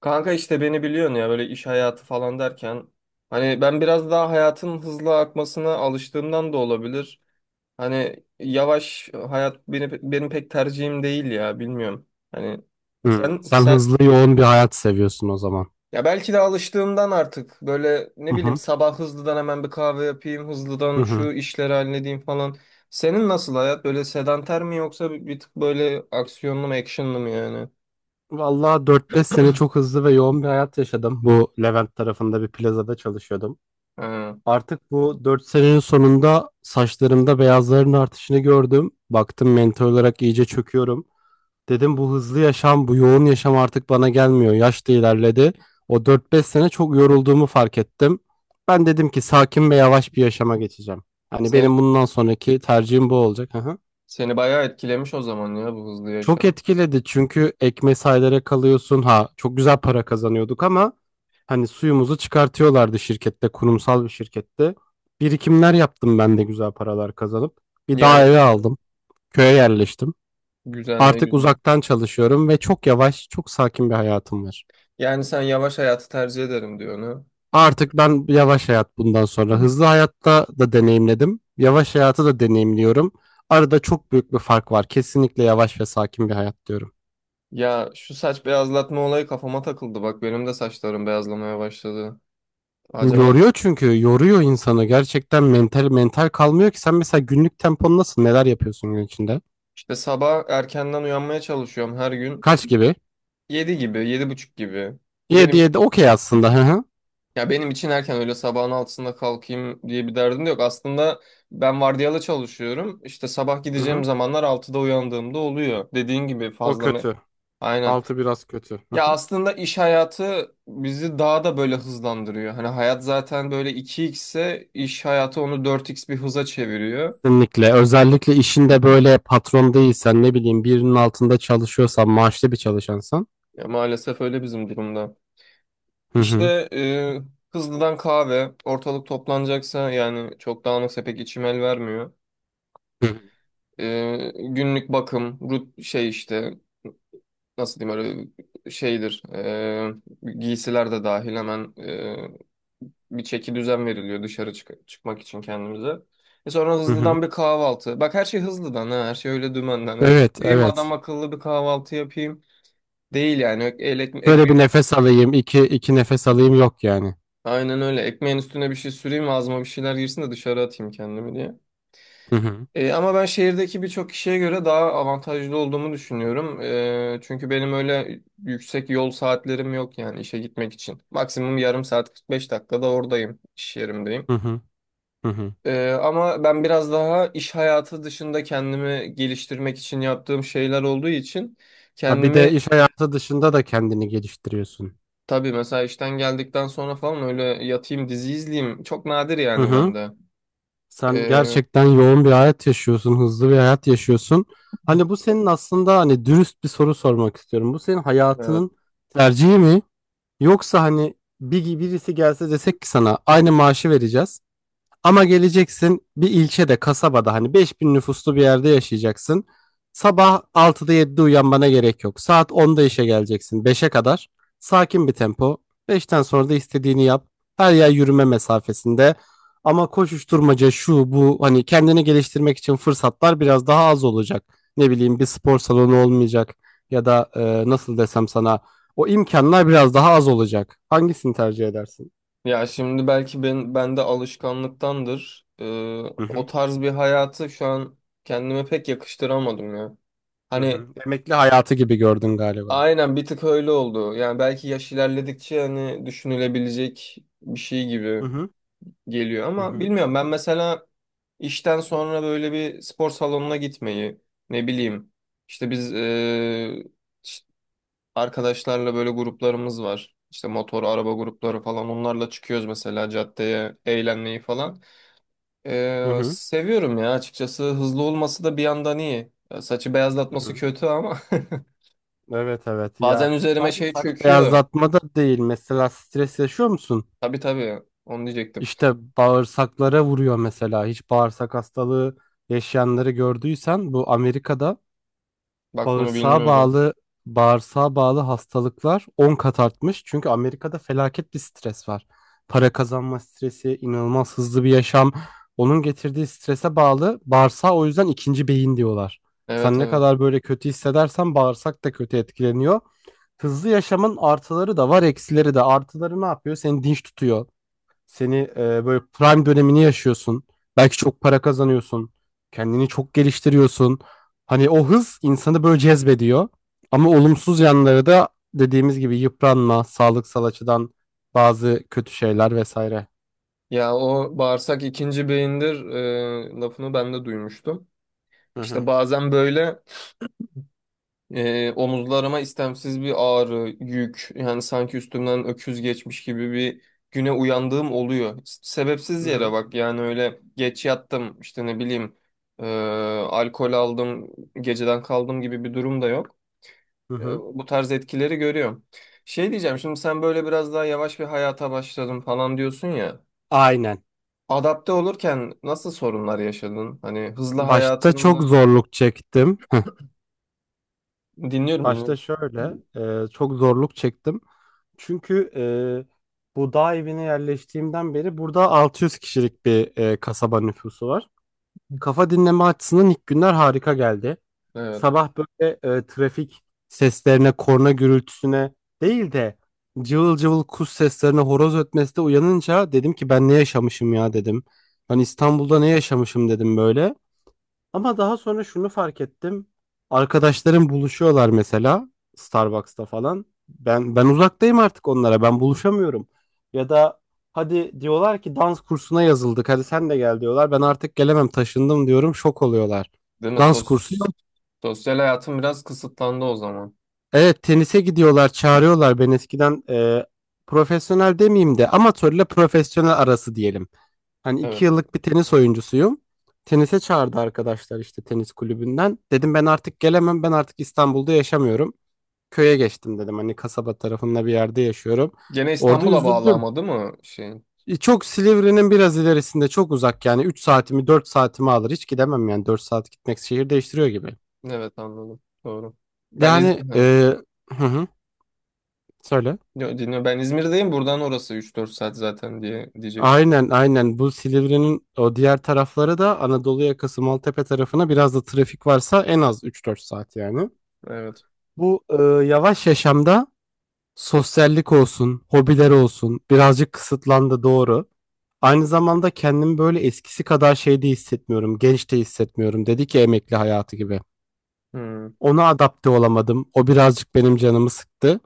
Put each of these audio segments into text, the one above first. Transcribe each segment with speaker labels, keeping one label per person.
Speaker 1: Kanka işte beni biliyorsun ya böyle iş hayatı falan derken hani ben biraz daha hayatın hızlı akmasına alıştığımdan da olabilir. Hani yavaş hayat benim pek tercihim değil ya bilmiyorum. Hani
Speaker 2: Hımm.
Speaker 1: sen
Speaker 2: Sen
Speaker 1: sen
Speaker 2: hızlı, yoğun bir hayat seviyorsun o zaman.
Speaker 1: ya belki de alıştığımdan artık böyle
Speaker 2: Hı
Speaker 1: ne bileyim
Speaker 2: hı.
Speaker 1: sabah hızlıdan hemen bir kahve yapayım,
Speaker 2: Hı
Speaker 1: hızlıdan
Speaker 2: hı.
Speaker 1: şu işleri halledeyim falan. Senin nasıl hayat? Böyle sedanter mi yoksa bir tık böyle aksiyonlu mu, actionlı mı yani?
Speaker 2: Vallahi 4-5 sene çok hızlı ve yoğun bir hayat yaşadım. Bu Levent tarafında bir plazada çalışıyordum.
Speaker 1: Ha.
Speaker 2: Artık bu 4 senenin sonunda saçlarımda beyazların artışını gördüm. Baktım mental olarak iyice çöküyorum. Dedim bu hızlı yaşam, bu yoğun yaşam artık bana gelmiyor. Yaş da ilerledi. O dört beş sene çok yorulduğumu fark ettim. Ben dedim ki sakin ve yavaş bir yaşama geçeceğim. Hani
Speaker 1: Sen
Speaker 2: benim bundan sonraki tercihim bu olacak. Hı.
Speaker 1: Seni bayağı etkilemiş o zaman ya bu hızlı
Speaker 2: Çok
Speaker 1: yaşam.
Speaker 2: etkiledi çünkü ekmeği saylara kalıyorsun. Ha çok güzel para kazanıyorduk ama hani suyumuzu çıkartıyorlardı şirkette, kurumsal bir şirkette. Birikimler yaptım ben de güzel paralar kazanıp. Bir daha
Speaker 1: Yani
Speaker 2: eve aldım. Köye yerleştim.
Speaker 1: güzel ne
Speaker 2: Artık
Speaker 1: güzel.
Speaker 2: uzaktan çalışıyorum ve çok yavaş, çok sakin bir hayatım var.
Speaker 1: Yani sen yavaş hayatı tercih ederim diyor onu.
Speaker 2: Artık ben yavaş hayat bundan sonra.
Speaker 1: Hı.
Speaker 2: Hızlı hayatta da deneyimledim. Yavaş hayatı da deneyimliyorum. Arada çok büyük bir fark var. Kesinlikle yavaş ve sakin bir hayat diyorum.
Speaker 1: Ya şu saç beyazlatma olayı kafama takıldı. Bak benim de saçlarım beyazlamaya başladı. Acaba
Speaker 2: Yoruyor, çünkü yoruyor insanı gerçekten, mental mental kalmıyor ki. Sen mesela günlük tempon nasıl, neler yapıyorsun gün içinde?
Speaker 1: işte sabah erkenden uyanmaya çalışıyorum her gün.
Speaker 2: Kaç gibi?
Speaker 1: 7 gibi, 7:30 gibi.
Speaker 2: 7
Speaker 1: Benim
Speaker 2: 7 okey aslında, hı hı.
Speaker 1: Ya benim için erken, öyle sabahın 6'sında kalkayım diye bir derdim de yok. Aslında ben vardiyalı çalışıyorum. İşte sabah
Speaker 2: Hı
Speaker 1: gideceğim
Speaker 2: hı.
Speaker 1: zamanlar 6'da uyandığımda oluyor. Dediğin gibi
Speaker 2: O
Speaker 1: fazla
Speaker 2: kötü.
Speaker 1: Aynen.
Speaker 2: Altı biraz kötü. Hı
Speaker 1: Ya
Speaker 2: hı.
Speaker 1: aslında iş hayatı bizi daha da böyle hızlandırıyor. Hani hayat zaten böyle iki x ise iş hayatı onu dört x bir hıza çeviriyor.
Speaker 2: Kesinlikle, özellikle işinde böyle patron değilsen, ne bileyim birinin altında çalışıyorsan, maaşlı bir çalışansan.
Speaker 1: Ya maalesef öyle bizim durumda.
Speaker 2: Hı
Speaker 1: İşte
Speaker 2: hı.
Speaker 1: e, hızlıdan kahve, ortalık toplanacaksa yani çok dağınıksa pek içim el vermiyor.
Speaker 2: Hı hı.
Speaker 1: Günlük bakım, rut şey işte nasıl diyeyim öyle şeydir. Giysiler de dahil hemen bir çeki düzen veriliyor dışarı çıkmak için kendimize. Sonra
Speaker 2: Hı hı.
Speaker 1: hızlıdan bir kahvaltı. Bak her şey hızlıdan ha, her şey öyle dümenden. Öyle
Speaker 2: Evet
Speaker 1: oturayım
Speaker 2: evet.
Speaker 1: adam akıllı bir kahvaltı yapayım. Değil yani.
Speaker 2: Böyle bir nefes alayım, iki nefes alayım yok yani.
Speaker 1: Aynen öyle. Ekmeğin üstüne bir şey süreyim ağzıma bir şeyler girsin de dışarı atayım kendimi diye.
Speaker 2: Hı hı.
Speaker 1: Ama ben şehirdeki birçok kişiye göre daha avantajlı olduğumu düşünüyorum. Çünkü benim öyle yüksek yol saatlerim yok yani işe gitmek için. Maksimum yarım saat 45 dakikada oradayım, iş yerimdeyim.
Speaker 2: Hı hı. Hı hı.
Speaker 1: Ama ben biraz daha iş hayatı dışında kendimi geliştirmek için yaptığım şeyler olduğu için
Speaker 2: Ha, bir de
Speaker 1: kendimi
Speaker 2: iş hayatı dışında da kendini geliştiriyorsun.
Speaker 1: tabii mesela işten geldikten sonra falan öyle yatayım dizi izleyeyim çok nadir
Speaker 2: Hı
Speaker 1: yani
Speaker 2: hı.
Speaker 1: bende.
Speaker 2: Sen
Speaker 1: Ee,
Speaker 2: gerçekten yoğun bir hayat yaşıyorsun, hızlı bir hayat yaşıyorsun. Hani bu senin, aslında hani dürüst bir soru sormak istiyorum. Bu senin
Speaker 1: Evet.
Speaker 2: hayatının tercihi mi? Yoksa hani bir birisi gelse desek ki sana aynı maaşı vereceğiz. Ama geleceksin bir ilçede, kasabada, hani 5000 nüfuslu bir yerde yaşayacaksın. Sabah altıda 7'de uyanmana gerek yok. Saat onda işe geleceksin, beşe kadar. Sakin bir tempo. Beşten sonra da istediğini yap. Her yer yürüme mesafesinde. Ama koşuşturmaca şu bu, hani kendini geliştirmek için fırsatlar biraz daha az olacak. Ne bileyim, bir spor salonu olmayacak, ya da nasıl desem sana, o imkanlar biraz daha az olacak. Hangisini tercih edersin?
Speaker 1: Ya şimdi belki bende alışkanlıktandır.
Speaker 2: Hı
Speaker 1: O
Speaker 2: hı.
Speaker 1: tarz bir hayatı şu an kendime pek yakıştıramadım ya.
Speaker 2: Hı hı.
Speaker 1: Hani
Speaker 2: Emekli hayatı gibi gördün galiba.
Speaker 1: aynen bir tık öyle oldu. Yani belki yaş ilerledikçe hani düşünülebilecek bir şey gibi
Speaker 2: Hı hı.
Speaker 1: geliyor
Speaker 2: Hı
Speaker 1: ama
Speaker 2: hı.
Speaker 1: bilmiyorum, ben mesela işten sonra böyle bir spor salonuna gitmeyi ne bileyim işte biz ş- arkadaşlarla böyle gruplarımız var, işte motor araba grupları falan onlarla çıkıyoruz mesela caddeye eğlenmeyi falan.
Speaker 2: Hı hı.
Speaker 1: Seviyorum ya açıkçası, hızlı olması da bir yandan iyi. Ya saçı
Speaker 2: Hı
Speaker 1: beyazlatması
Speaker 2: hı.
Speaker 1: kötü ama
Speaker 2: Evet evet
Speaker 1: bazen
Speaker 2: ya,
Speaker 1: üzerime
Speaker 2: sadece
Speaker 1: şey
Speaker 2: saç
Speaker 1: çöküyor.
Speaker 2: beyazlatma da değil, mesela stres yaşıyor musun?
Speaker 1: Tabii tabii, onu diyecektim.
Speaker 2: İşte bağırsaklara vuruyor mesela. Hiç bağırsak hastalığı yaşayanları gördüysen bu Amerika'da.
Speaker 1: Bak bunu
Speaker 2: Bağırsağa
Speaker 1: bilmiyordum.
Speaker 2: bağlı bağırsağa bağlı hastalıklar 10 kat artmış. Çünkü Amerika'da felaket bir stres var. Para kazanma stresi, inanılmaz hızlı bir yaşam. Onun getirdiği strese bağlı bağırsağa, o yüzden ikinci beyin diyorlar.
Speaker 1: Evet
Speaker 2: Sen ne
Speaker 1: evet.
Speaker 2: kadar böyle kötü hissedersen, bağırsak da kötü etkileniyor. Hızlı yaşamın artıları da var, eksileri de. Artıları ne yapıyor? Seni dinç tutuyor. Seni böyle prime dönemini yaşıyorsun. Belki çok para kazanıyorsun. Kendini çok geliştiriyorsun. Hani o hız insanı böyle cezbediyor. Ama olumsuz yanları da, dediğimiz gibi, yıpranma, sağlıksal açıdan bazı kötü şeyler vesaire.
Speaker 1: Ya o bağırsak ikinci beyindir lafını ben de duymuştum.
Speaker 2: Hı
Speaker 1: İşte
Speaker 2: hı.
Speaker 1: bazen böyle omuzlarıma istemsiz bir ağrı, yük yani sanki üstümden öküz geçmiş gibi bir güne uyandığım oluyor. Sebepsiz
Speaker 2: Hı
Speaker 1: yere
Speaker 2: hı.
Speaker 1: bak, yani öyle geç yattım işte ne bileyim e, alkol aldım geceden kaldım gibi bir durum da yok.
Speaker 2: Hı hı.
Speaker 1: Bu tarz etkileri görüyorum. Şey diyeceğim, şimdi sen böyle biraz daha yavaş bir hayata başladım falan diyorsun ya.
Speaker 2: Aynen.
Speaker 1: Adapte olurken nasıl sorunlar yaşadın? Hani hızlı
Speaker 2: Başta çok
Speaker 1: hayatından
Speaker 2: zorluk çektim. Heh.
Speaker 1: dinliyorum
Speaker 2: Başta
Speaker 1: dinliyorum.
Speaker 2: şöyle, çok zorluk çektim. Çünkü bu dağ evine yerleştiğimden beri, burada 600 kişilik bir kasaba nüfusu var. Kafa dinleme açısından ilk günler harika geldi.
Speaker 1: Evet.
Speaker 2: Sabah böyle trafik seslerine, korna gürültüsüne değil de, cıvıl cıvıl kuş seslerine, horoz ötmesine uyanınca dedim ki, ben ne yaşamışım ya, dedim. Hani İstanbul'da ne yaşamışım dedim böyle. Ama daha sonra şunu fark ettim. Arkadaşlarım buluşuyorlar mesela Starbucks'ta falan. Ben uzaktayım artık onlara. Ben buluşamıyorum. Ya da hadi diyorlar ki dans kursuna yazıldık, hadi sen de gel diyorlar. Ben artık gelemem, taşındım diyorum. Şok oluyorlar.
Speaker 1: Değil mi?
Speaker 2: Dans kursu yok.
Speaker 1: Sosyal hayatım biraz kısıtlandı o zaman.
Speaker 2: Evet, tenise gidiyorlar, çağırıyorlar. Ben eskiden, profesyonel demeyeyim de, amatörle profesyonel arası diyelim, hani
Speaker 1: Evet.
Speaker 2: iki yıllık bir tenis oyuncusuyum. Tenise çağırdı arkadaşlar işte, tenis kulübünden. Dedim ben artık gelemem. Ben artık İstanbul'da yaşamıyorum. Köye geçtim dedim. Hani kasaba tarafında bir yerde yaşıyorum.
Speaker 1: Gene
Speaker 2: Orada
Speaker 1: İstanbul'a bağlı
Speaker 2: üzüldüm.
Speaker 1: ama değil mi şeyin?
Speaker 2: Çok, Silivri'nin biraz ilerisinde, çok uzak yani. 3 saatimi 4 saatimi alır. Hiç gidemem yani, 4 saat gitmek şehir değiştiriyor gibi.
Speaker 1: Evet anladım. Doğru.
Speaker 2: Yani
Speaker 1: Evet.
Speaker 2: hı hı, söyle.
Speaker 1: Yo, dinliyorum. Ben İzmir'deyim. Buradan orası 3-4 saat zaten diye diyecektim.
Speaker 2: Aynen aynen, bu Silivri'nin o diğer tarafları da, Anadolu yakası Maltepe tarafına, biraz da trafik varsa en az üç dört saat yani.
Speaker 1: Evet.
Speaker 2: Bu yavaş yaşamda sosyallik olsun, hobiler olsun birazcık kısıtlandı, doğru. Aynı zamanda kendimi böyle eskisi kadar şeyde hissetmiyorum, genç de hissetmiyorum. Dedi ki emekli hayatı gibi.
Speaker 1: Hmm.
Speaker 2: Ona adapte olamadım. O birazcık benim canımı sıktı.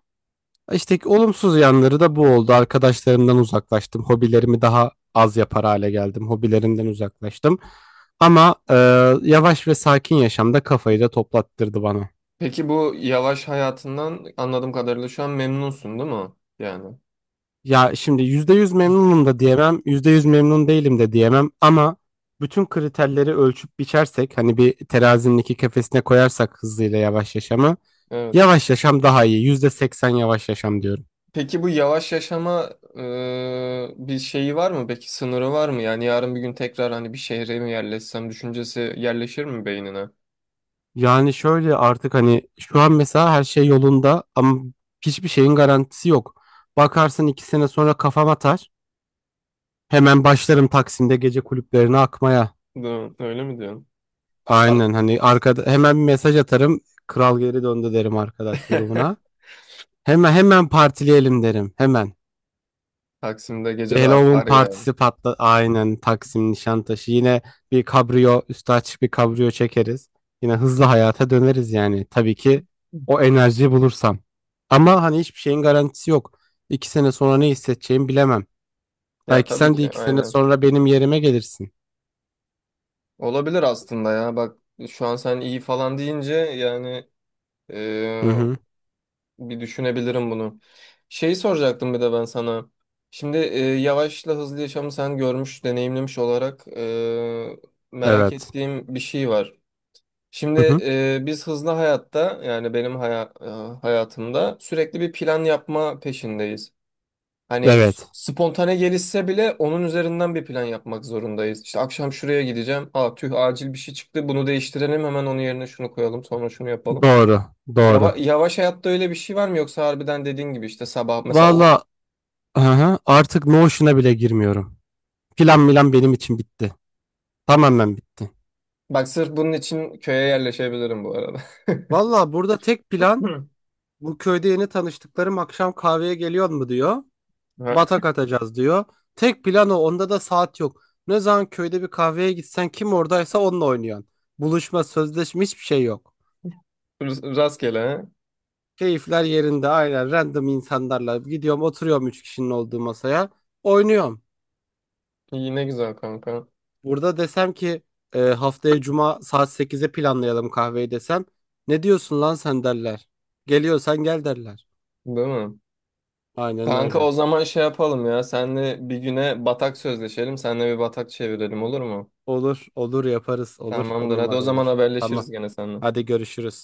Speaker 2: İşte ki olumsuz yanları da bu oldu. Arkadaşlarımdan uzaklaştım. Hobilerimi daha az yapar hale geldim. Hobilerimden uzaklaştım. Ama yavaş ve sakin yaşamda, kafayı da toplattırdı bana.
Speaker 1: Peki bu yavaş hayatından anladığım kadarıyla şu an memnunsun değil mi? Yani.
Speaker 2: Ya şimdi %100 memnunum da diyemem, %100 memnun değilim de diyemem, ama bütün kriterleri ölçüp biçersek, hani bir terazinin iki kefesine koyarsak hızlıyla yavaş yaşamı,
Speaker 1: Evet.
Speaker 2: yavaş yaşam daha iyi. %80 yavaş yaşam diyorum.
Speaker 1: Peki bu yavaş yaşama bir şeyi var mı? Peki sınırı var mı? Yani yarın bir gün tekrar hani bir şehre mi yerleşsem düşüncesi yerleşir mi beynine?
Speaker 2: Yani şöyle, artık hani şu an mesela her şey yolunda, ama hiçbir şeyin garantisi yok. Bakarsın iki sene sonra kafam atar. Hemen başlarım Taksim'de gece kulüplerine akmaya.
Speaker 1: Öyle mi diyorsun? Sar
Speaker 2: Aynen, hani arkada hemen bir mesaj atarım. Kral geri döndü derim arkadaş grubuna. Hemen hemen partileyelim derim. Hemen.
Speaker 1: Taksim'de
Speaker 2: Bir
Speaker 1: gece de
Speaker 2: Halloween
Speaker 1: akar ya.
Speaker 2: partisi patla. Aynen, Taksim Nişantaşı. Yine bir kabriyo, üstü açık bir kabriyo çekeriz. Yine hızlı hayata döneriz yani. Tabii ki, o enerjiyi bulursam. Ama hani hiçbir şeyin garantisi yok. İki sene sonra ne hissedeceğimi bilemem.
Speaker 1: Ya
Speaker 2: Belki
Speaker 1: tabii
Speaker 2: sen de
Speaker 1: ki
Speaker 2: iki sene
Speaker 1: aynen.
Speaker 2: sonra benim yerime gelirsin.
Speaker 1: Olabilir aslında ya. Bak şu an sen iyi falan deyince yani
Speaker 2: Hı hı.
Speaker 1: bir düşünebilirim bunu. Şeyi soracaktım bir de ben sana. Şimdi yavaşla hızlı yaşamı sen görmüş, deneyimlemiş olarak merak
Speaker 2: Evet.
Speaker 1: ettiğim bir şey var. Şimdi
Speaker 2: Hı hı.
Speaker 1: biz hızlı hayatta yani benim hayatımda sürekli bir plan yapma peşindeyiz. Hani
Speaker 2: Evet.
Speaker 1: spontane gelişse bile onun üzerinden bir plan yapmak zorundayız. İşte akşam şuraya gideceğim. Aa tüh, acil bir şey çıktı. Bunu değiştirelim, hemen onun yerine şunu koyalım, sonra şunu yapalım.
Speaker 2: Doğru.
Speaker 1: Yava,
Speaker 2: Doğru.
Speaker 1: yavaş hayatta öyle bir şey var mı yoksa harbiden dediğin gibi işte sabah mesela o.
Speaker 2: Valla, hı hı. Artık Notion'a bile girmiyorum. Plan milan benim için bitti. Tamamen bitti.
Speaker 1: Bak sırf bunun için köye yerleşebilirim bu arada.
Speaker 2: Valla, burada tek plan,
Speaker 1: Hı.
Speaker 2: bu köyde yeni tanıştıklarım akşam kahveye geliyor mu diyor.
Speaker 1: Ha,
Speaker 2: Batak atacağız diyor. Tek plan o. Onda da saat yok. Ne zaman köyde bir kahveye gitsen, kim oradaysa onunla oynuyorsun. Buluşma, sözleşme hiçbir şey yok.
Speaker 1: rastgele ha.
Speaker 2: Keyifler yerinde, aynen random insanlarla gidiyorum oturuyorum üç kişinin olduğu masaya. Oynuyorum.
Speaker 1: İyi ne güzel kanka.
Speaker 2: Burada desem ki haftaya cuma saat sekize planlayalım kahveyi desem, ne diyorsun lan sen derler. Geliyorsan gel derler.
Speaker 1: Değil mi?
Speaker 2: Aynen
Speaker 1: Kanka
Speaker 2: öyle.
Speaker 1: o zaman şey yapalım ya. Senle bir güne batak sözleşelim. Senle bir batak çevirelim olur mu?
Speaker 2: Olur, olur, yaparız, olur. On
Speaker 1: Tamamdır. Hadi o
Speaker 2: numara
Speaker 1: zaman
Speaker 2: olur.
Speaker 1: haberleşiriz
Speaker 2: Tamam.
Speaker 1: gene seninle.
Speaker 2: Hadi görüşürüz.